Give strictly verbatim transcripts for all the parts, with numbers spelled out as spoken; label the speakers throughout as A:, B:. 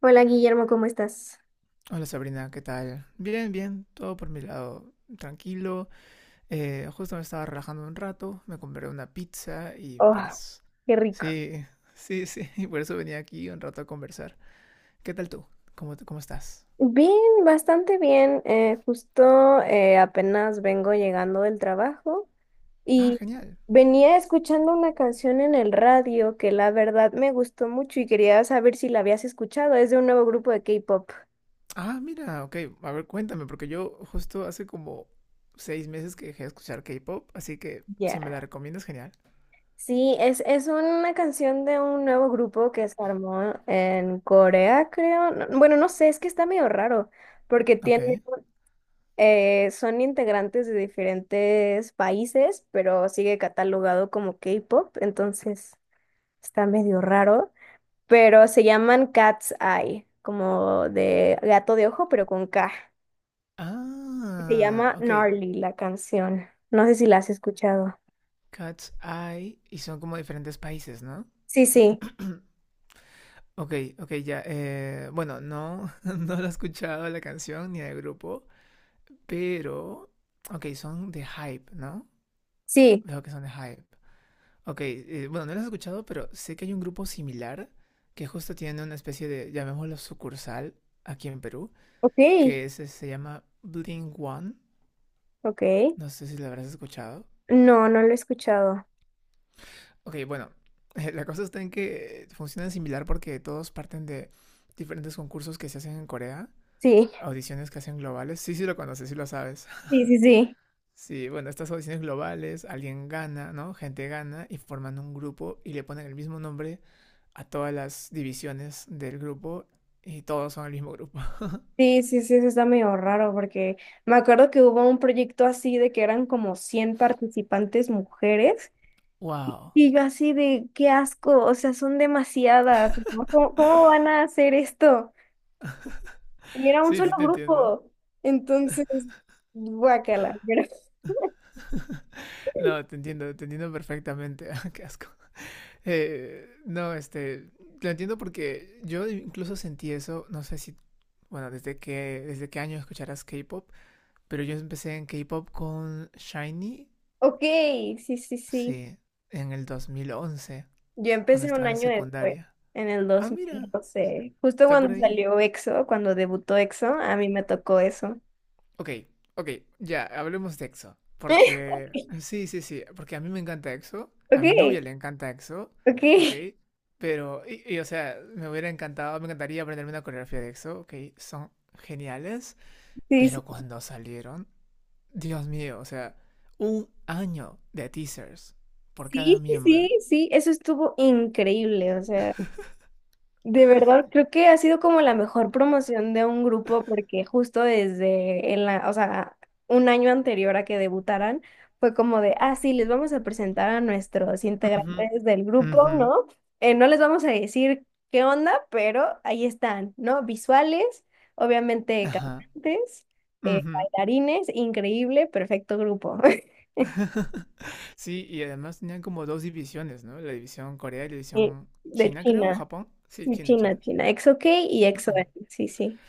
A: Hola Guillermo, ¿cómo estás?
B: Hola Sabrina, ¿qué tal? Bien, bien, todo por mi lado tranquilo. Eh, justo me estaba relajando un rato, me compré una pizza y
A: Oh,
B: pues
A: qué rico.
B: sí, sí, sí, y por eso venía aquí un rato a conversar. ¿Qué tal tú? ¿Cómo, te- cómo estás?
A: Bien, bastante bien. Eh, justo eh, apenas vengo llegando del trabajo
B: Ah,
A: y
B: genial.
A: venía escuchando una canción en el radio que la verdad me gustó mucho y quería saber si la habías escuchado. Es de un nuevo grupo de K-pop.
B: Ah, mira, ok, a ver, cuéntame, porque yo justo hace como seis meses que dejé de escuchar K-pop, así que si me
A: Ya.
B: la recomiendas, genial.
A: Sí, es, es una canción de un nuevo grupo que se armó en Corea, creo. No- Bueno, no sé, es que está medio raro porque
B: Ok.
A: tiene. Eh, son integrantes de diferentes países, pero sigue catalogado como K-pop, entonces está medio raro. Pero se llaman Cat's Eye, como de gato de ojo, pero con K. Se
B: Ah,
A: llama
B: ok.
A: Gnarly la canción. No sé si la has escuchado.
B: Cat's Eye y son como diferentes países, ¿no?
A: Sí, sí,
B: Ok, ok, ya. Eh, bueno, no, no lo he escuchado la canción ni el grupo, pero. Ok, son de Hype, ¿no?
A: sí.
B: Veo que son de Hype. Ok, eh, bueno, no los he escuchado, pero sé que hay un grupo similar que justo tiene una especie de, llamémoslo sucursal, aquí en Perú,
A: Ok,
B: que es- se llama Blink One.
A: ok.
B: No sé si lo habrás escuchado.
A: No, no lo he escuchado.
B: Ok, bueno, la cosa está en que funcionan similar porque todos parten de diferentes concursos que se hacen en Corea.
A: Sí,
B: Audiciones que hacen globales. Sí, sí lo conoces, sí lo sabes.
A: sí, sí, sí.
B: Sí, bueno, estas audiciones globales, alguien gana, ¿no? Gente gana y forman un grupo y le ponen el mismo nombre a todas las divisiones del grupo y todos son el mismo grupo.
A: Sí, sí, sí, eso está medio raro porque me acuerdo que hubo un proyecto así de que eran como cien participantes mujeres
B: Wow.
A: y yo así de qué asco, o sea, son demasiadas, ¿no? ¿Cómo, cómo van a hacer esto? Y era un
B: Sí,
A: solo
B: sí te entiendo.
A: grupo, entonces, guácala. pero-
B: No, te entiendo, te entiendo perfectamente. Qué asco. Eh, no, este, lo entiendo porque yo incluso sentí eso, no sé si, bueno, desde qué, desde qué, año escucharás K-pop, pero yo empecé en K-pop con Shinee.
A: Ok, sí, sí, sí.
B: Sí, en el dos mil once
A: Yo
B: cuando
A: empecé un
B: estaba en
A: año después,
B: secundaria.
A: en el
B: Ah,
A: dos
B: mira,
A: mil doce justo
B: está por
A: cuando
B: ahí.
A: salió EXO, cuando debutó EXO, a mí me tocó eso.
B: Ok, ok, ya, hablemos de EXO. Porque, sí, sí, sí, porque a mí me encanta EXO, a mi
A: Ok,
B: novia le encanta EXO,
A: ok,
B: ok. Pero, y, y, o sea, me hubiera encantado, me encantaría aprenderme una coreografía de EXO, ok, son geniales.
A: sí.
B: Pero cuando salieron, Dios mío, o sea, un año de teasers por cada
A: Sí, sí,
B: miembro.
A: sí, eso estuvo increíble, o sea, de verdad creo que ha sido como la mejor promoción de un grupo porque justo desde en la o sea, un año anterior a que debutaran fue como de, ah, sí, les vamos a presentar a nuestros
B: Ujú,
A: integrantes del grupo,
B: ujú,
A: ¿no? Eh, no les vamos a decir qué onda, pero ahí están, ¿no? Visuales, obviamente
B: ajá.
A: cantantes, eh,
B: Ujú.
A: bailarines, increíble, perfecto grupo.
B: Sí, y además tenían como dos divisiones, ¿no? La división Corea y la
A: Y
B: división
A: de
B: China, creo, o
A: China.
B: Japón. Sí,
A: Sí,
B: China,
A: China,
B: China.
A: China. EXO-K y EXO-N. Sí, sí.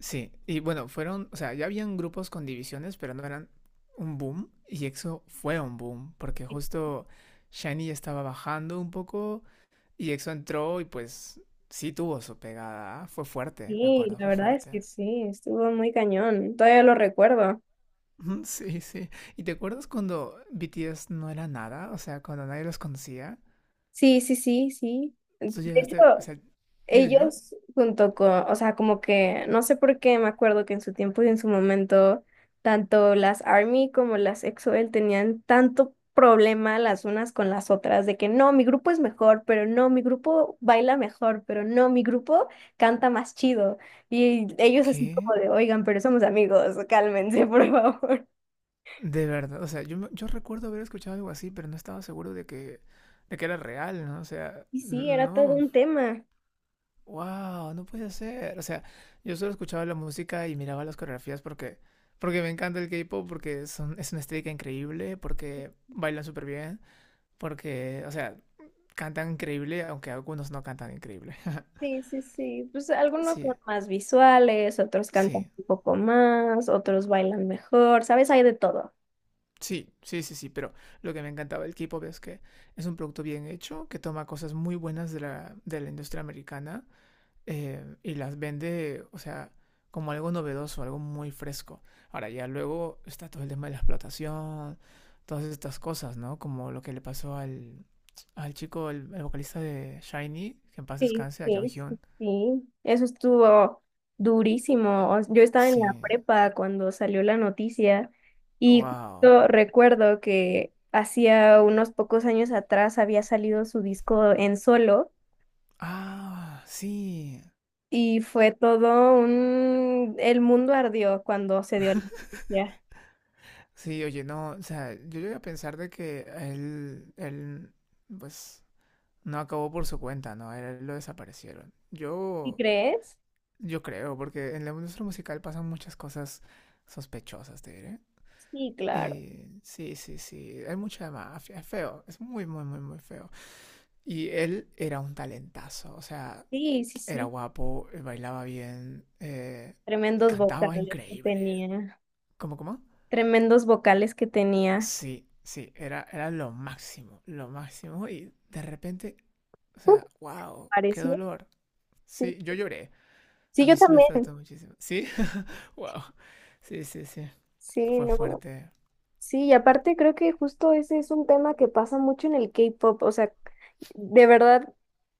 B: Sí, y bueno, fueron, o sea, ya habían grupos con divisiones, pero no eran un boom, y EXO fue un boom, porque justo Shiny estaba bajando un poco, y EXO entró y pues sí tuvo su pegada, ¿ah? Fue fuerte, me
A: Sí,
B: acuerdo,
A: la
B: fue
A: verdad es
B: fuerte.
A: que sí, estuvo muy cañón. Todavía lo recuerdo.
B: Ujú, sí, sí. ¿Y te acuerdas cuando B T S no era nada? O sea, cuando nadie los conocía.
A: Sí, sí, sí, sí. De
B: Tú
A: hecho,
B: llegaste, o sea, dime, dime.
A: ellos junto con, o sea, como que, no sé por qué me acuerdo que en su tiempo y en su momento, tanto las ARMY como las EXO-L tenían tanto problema las unas con las otras, de que no, mi grupo es mejor, pero no, mi grupo baila mejor, pero no, mi grupo canta más chido. Y ellos así
B: ¿Qué?
A: como de, oigan, pero somos amigos, cálmense, por favor.
B: De verdad, o sea, yo, me- yo recuerdo haber escuchado algo así, pero no estaba seguro de que, de que, era real, ¿no? O sea,
A: Y sí, era todo
B: no,
A: un tema.
B: wow, no puede ser. O sea, yo solo escuchaba la música y miraba las coreografías porque, porque me encanta el K-pop, porque son, es una estética increíble, porque bailan súper bien, porque, o sea, cantan increíble, aunque algunos no cantan increíble.
A: Sí, sí, sí. Pues algunos son
B: Sí,
A: más visuales, otros cantan
B: sí.
A: un poco más, otros bailan mejor, ¿sabes? Hay de todo.
B: Sí, sí, sí, sí, pero lo que me encantaba del K-pop es que es un producto bien hecho, que toma cosas muy buenas de la, de la, industria americana. Eh, y las vende, o sea, como algo novedoso, algo muy fresco. Ahora ya luego está todo el tema de la explotación, todas estas cosas, ¿no? Como lo que le pasó al, al chico, el vocalista de Shiny, que en paz
A: Sí,
B: descanse, a
A: sí, sí,
B: Jonghyun.
A: sí. Eso estuvo durísimo. O- Yo estaba en la
B: Sí,
A: prepa cuando salió la noticia y
B: wow.
A: justo recuerdo que hacía unos pocos años atrás había salido su disco en solo
B: Ah, sí,
A: y fue todo un... El mundo ardió cuando se dio la noticia.
B: sí, oye, no, o sea, yo llegué a pensar de que él, él, pues, no acabó por su cuenta, ¿no? A él lo desaparecieron.
A: ¿Y
B: Yo,
A: crees?
B: yo creo, porque en la industria musical pasan muchas cosas sospechosas, te diré.
A: Sí, claro.
B: Y sí, sí, sí, hay mucha mafia, es feo, es muy, muy, muy, muy feo. Y él era un talentazo, o sea,
A: Sí, sí,
B: era
A: sí.
B: guapo, bailaba bien, eh,
A: Tremendos
B: cantaba
A: vocales que
B: increíble.
A: tenía.
B: ¿Cómo, cómo?
A: Tremendos vocales que tenía.
B: Sí, sí, era, era lo máximo, lo máximo. Y de repente, o
A: ¿No
B: sea, wow, qué
A: pareció?
B: dolor.
A: Sí.
B: Sí, yo lloré.
A: Sí,
B: A
A: yo
B: mí sí me
A: también.
B: afectó muchísimo. Sí, wow. Sí, sí, sí.
A: Sí,
B: Fue
A: no.
B: fuerte.
A: Sí, y aparte creo que justo ese es un tema que pasa mucho en el K-pop. O sea, de verdad,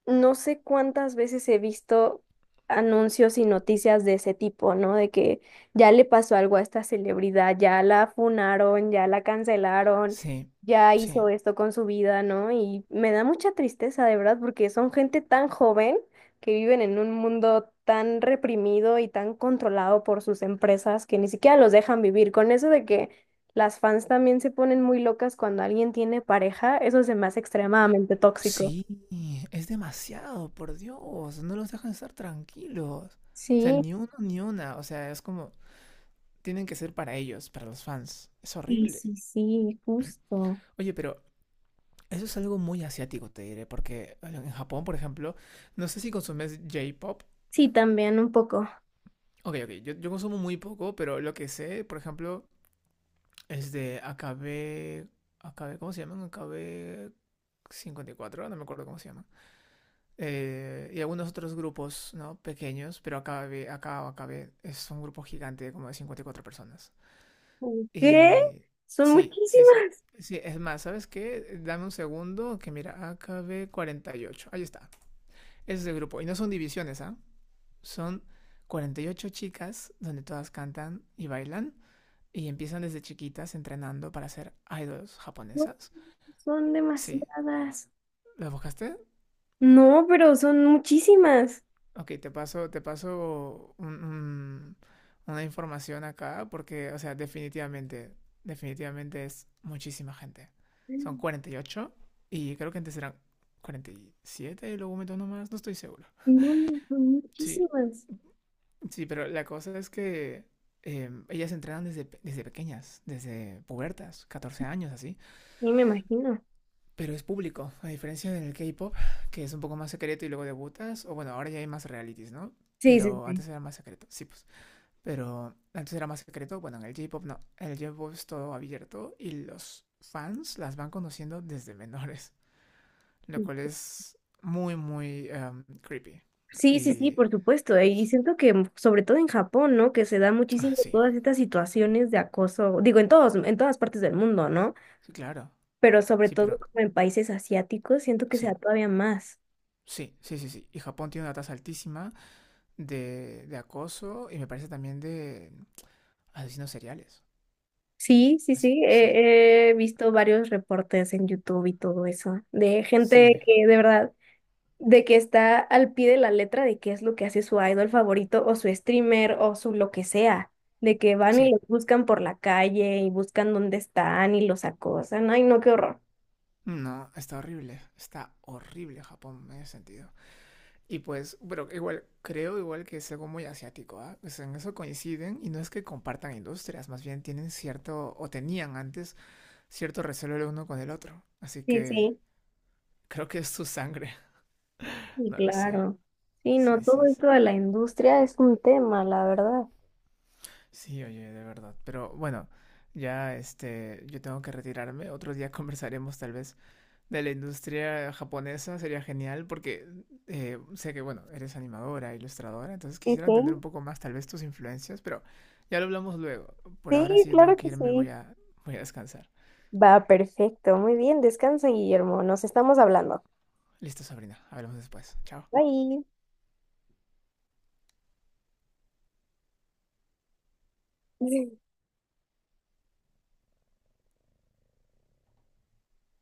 A: no sé cuántas veces he visto anuncios y noticias de ese tipo, ¿no? De que ya le pasó algo a esta celebridad, ya la funaron, ya la cancelaron,
B: Sí,
A: ya hizo
B: sí.
A: esto con su vida, ¿no? Y me da mucha tristeza, de verdad, porque son gente tan joven que viven en un mundo tan reprimido y tan controlado por sus empresas que ni siquiera los dejan vivir. Con eso de que las fans también se ponen muy locas cuando alguien tiene pareja, eso se me hace extremadamente tóxico.
B: Sí, es demasiado, por Dios. No los dejan estar tranquilos. O sea,
A: Sí,
B: ni uno ni una. O sea, es como, tienen que ser para ellos, para los fans. Es
A: sí,
B: horrible.
A: sí, sí, justo.
B: Oye, pero eso es algo muy asiático, te diré, porque en Japón, por ejemplo, no sé si consumes J-pop.
A: Sí, también un poco.
B: Ok, ok, yo, yo consumo muy poco, pero lo que sé, por ejemplo, es de A K B. A K B, ¿cómo se llaman? A K B cincuenta y cuatro, no me acuerdo cómo se llaman. Eh, y algunos otros grupos, ¿no? Pequeños, pero A K B, acá A K B es un grupo gigante, como de cincuenta y cuatro personas.
A: ¿Qué?
B: Y
A: Son
B: sí, sí, sí.
A: muchísimas.
B: Sí, es más, ¿sabes qué? Dame un segundo, que mira, A K B cuarenta y ocho. Ahí está. Ese es el grupo. Y no son divisiones, ¿ah? ¿Eh? Son cuarenta y ocho chicas donde todas cantan y bailan y empiezan desde chiquitas entrenando para ser idols
A: No,
B: japonesas.
A: son
B: Sí.
A: demasiadas.
B: ¿Lo buscaste?
A: No, pero son muchísimas.
B: Ok, te paso, te paso un- un- una información acá porque, o sea, definitivamente, definitivamente es muchísima gente. Son
A: No,
B: cuarenta y ocho y ocho y creo que antes eran cuarenta y siete y siete y luego meto uno más, no estoy seguro.
A: no, son
B: Sí,
A: muchísimas.
B: sí, pero la cosa es que em, ellas entrenan desde, pe- desde pequeñas, desde pubertas, catorce años así,
A: Sí, me imagino.
B: pero es público, a diferencia del K-pop, que es un poco más secreto y luego debutas, o bueno, ahora ya hay más realities, ¿no?
A: Sí,
B: Pero
A: sí,
B: antes era más secreto, sí, pues. Pero antes era más secreto, bueno, en el J-pop no, en el J-pop es todo abierto y los fans las van conociendo desde menores, lo
A: sí.
B: cual es muy, muy em, creepy.
A: Sí, sí, sí,
B: Y
A: por supuesto. eh, Y siento que mm, sobre todo en Japón, ¿no? Que se da
B: ah,
A: muchísimo
B: sí,
A: todas estas situaciones de acoso, digo, en todos, en todas partes del mundo, ¿no?
B: sí, claro,
A: Pero sobre
B: sí,
A: todo
B: pero
A: como en países asiáticos, siento que se da
B: sí.
A: todavía más.
B: Sí, sí, sí, sí. Y Japón tiene una tasa altísima de, de, acoso y me parece también de asesinos seriales.
A: Sí, sí,
B: As-
A: sí.
B: sí,
A: He, he visto varios reportes en YouTube y todo eso, de gente
B: sí,
A: que de verdad de que está al pie de la letra de qué es lo que hace su idol favorito o su streamer o su lo que sea, de que van y
B: sí.
A: los buscan por la calle y buscan dónde están y los acosan. Ay, no, qué horror.
B: No, está horrible. Está horrible Japón en ese sentido. Y pues, pero igual, creo igual que es algo muy asiático, ¿ah? Pues en eso coinciden y no es que compartan industrias, más bien tienen cierto, o tenían antes, cierto recelo el uno con el otro. Así
A: Sí,
B: que
A: sí,
B: creo que es su sangre.
A: y
B: No lo sé.
A: claro. Sí, no,
B: Sí, sí,
A: todo
B: sí.
A: esto de la industria es un tema, la verdad.
B: Sí, oye, de verdad. Pero bueno, ya este, yo tengo que retirarme. Otro día conversaremos tal vez de la industria japonesa. Sería genial porque eh, sé que, bueno, eres animadora, ilustradora, entonces
A: Sí,
B: quisiera
A: sí,
B: entender un poco más tal vez tus influencias, pero ya lo hablamos luego. Por ahora
A: sí,
B: sí, yo tengo
A: claro
B: que
A: que
B: irme, voy
A: sí.
B: a, voy a descansar.
A: Va, perfecto, muy bien, descansa, Guillermo, nos estamos hablando.
B: Listo, Sabrina. Hablamos después. Chao.
A: Bye.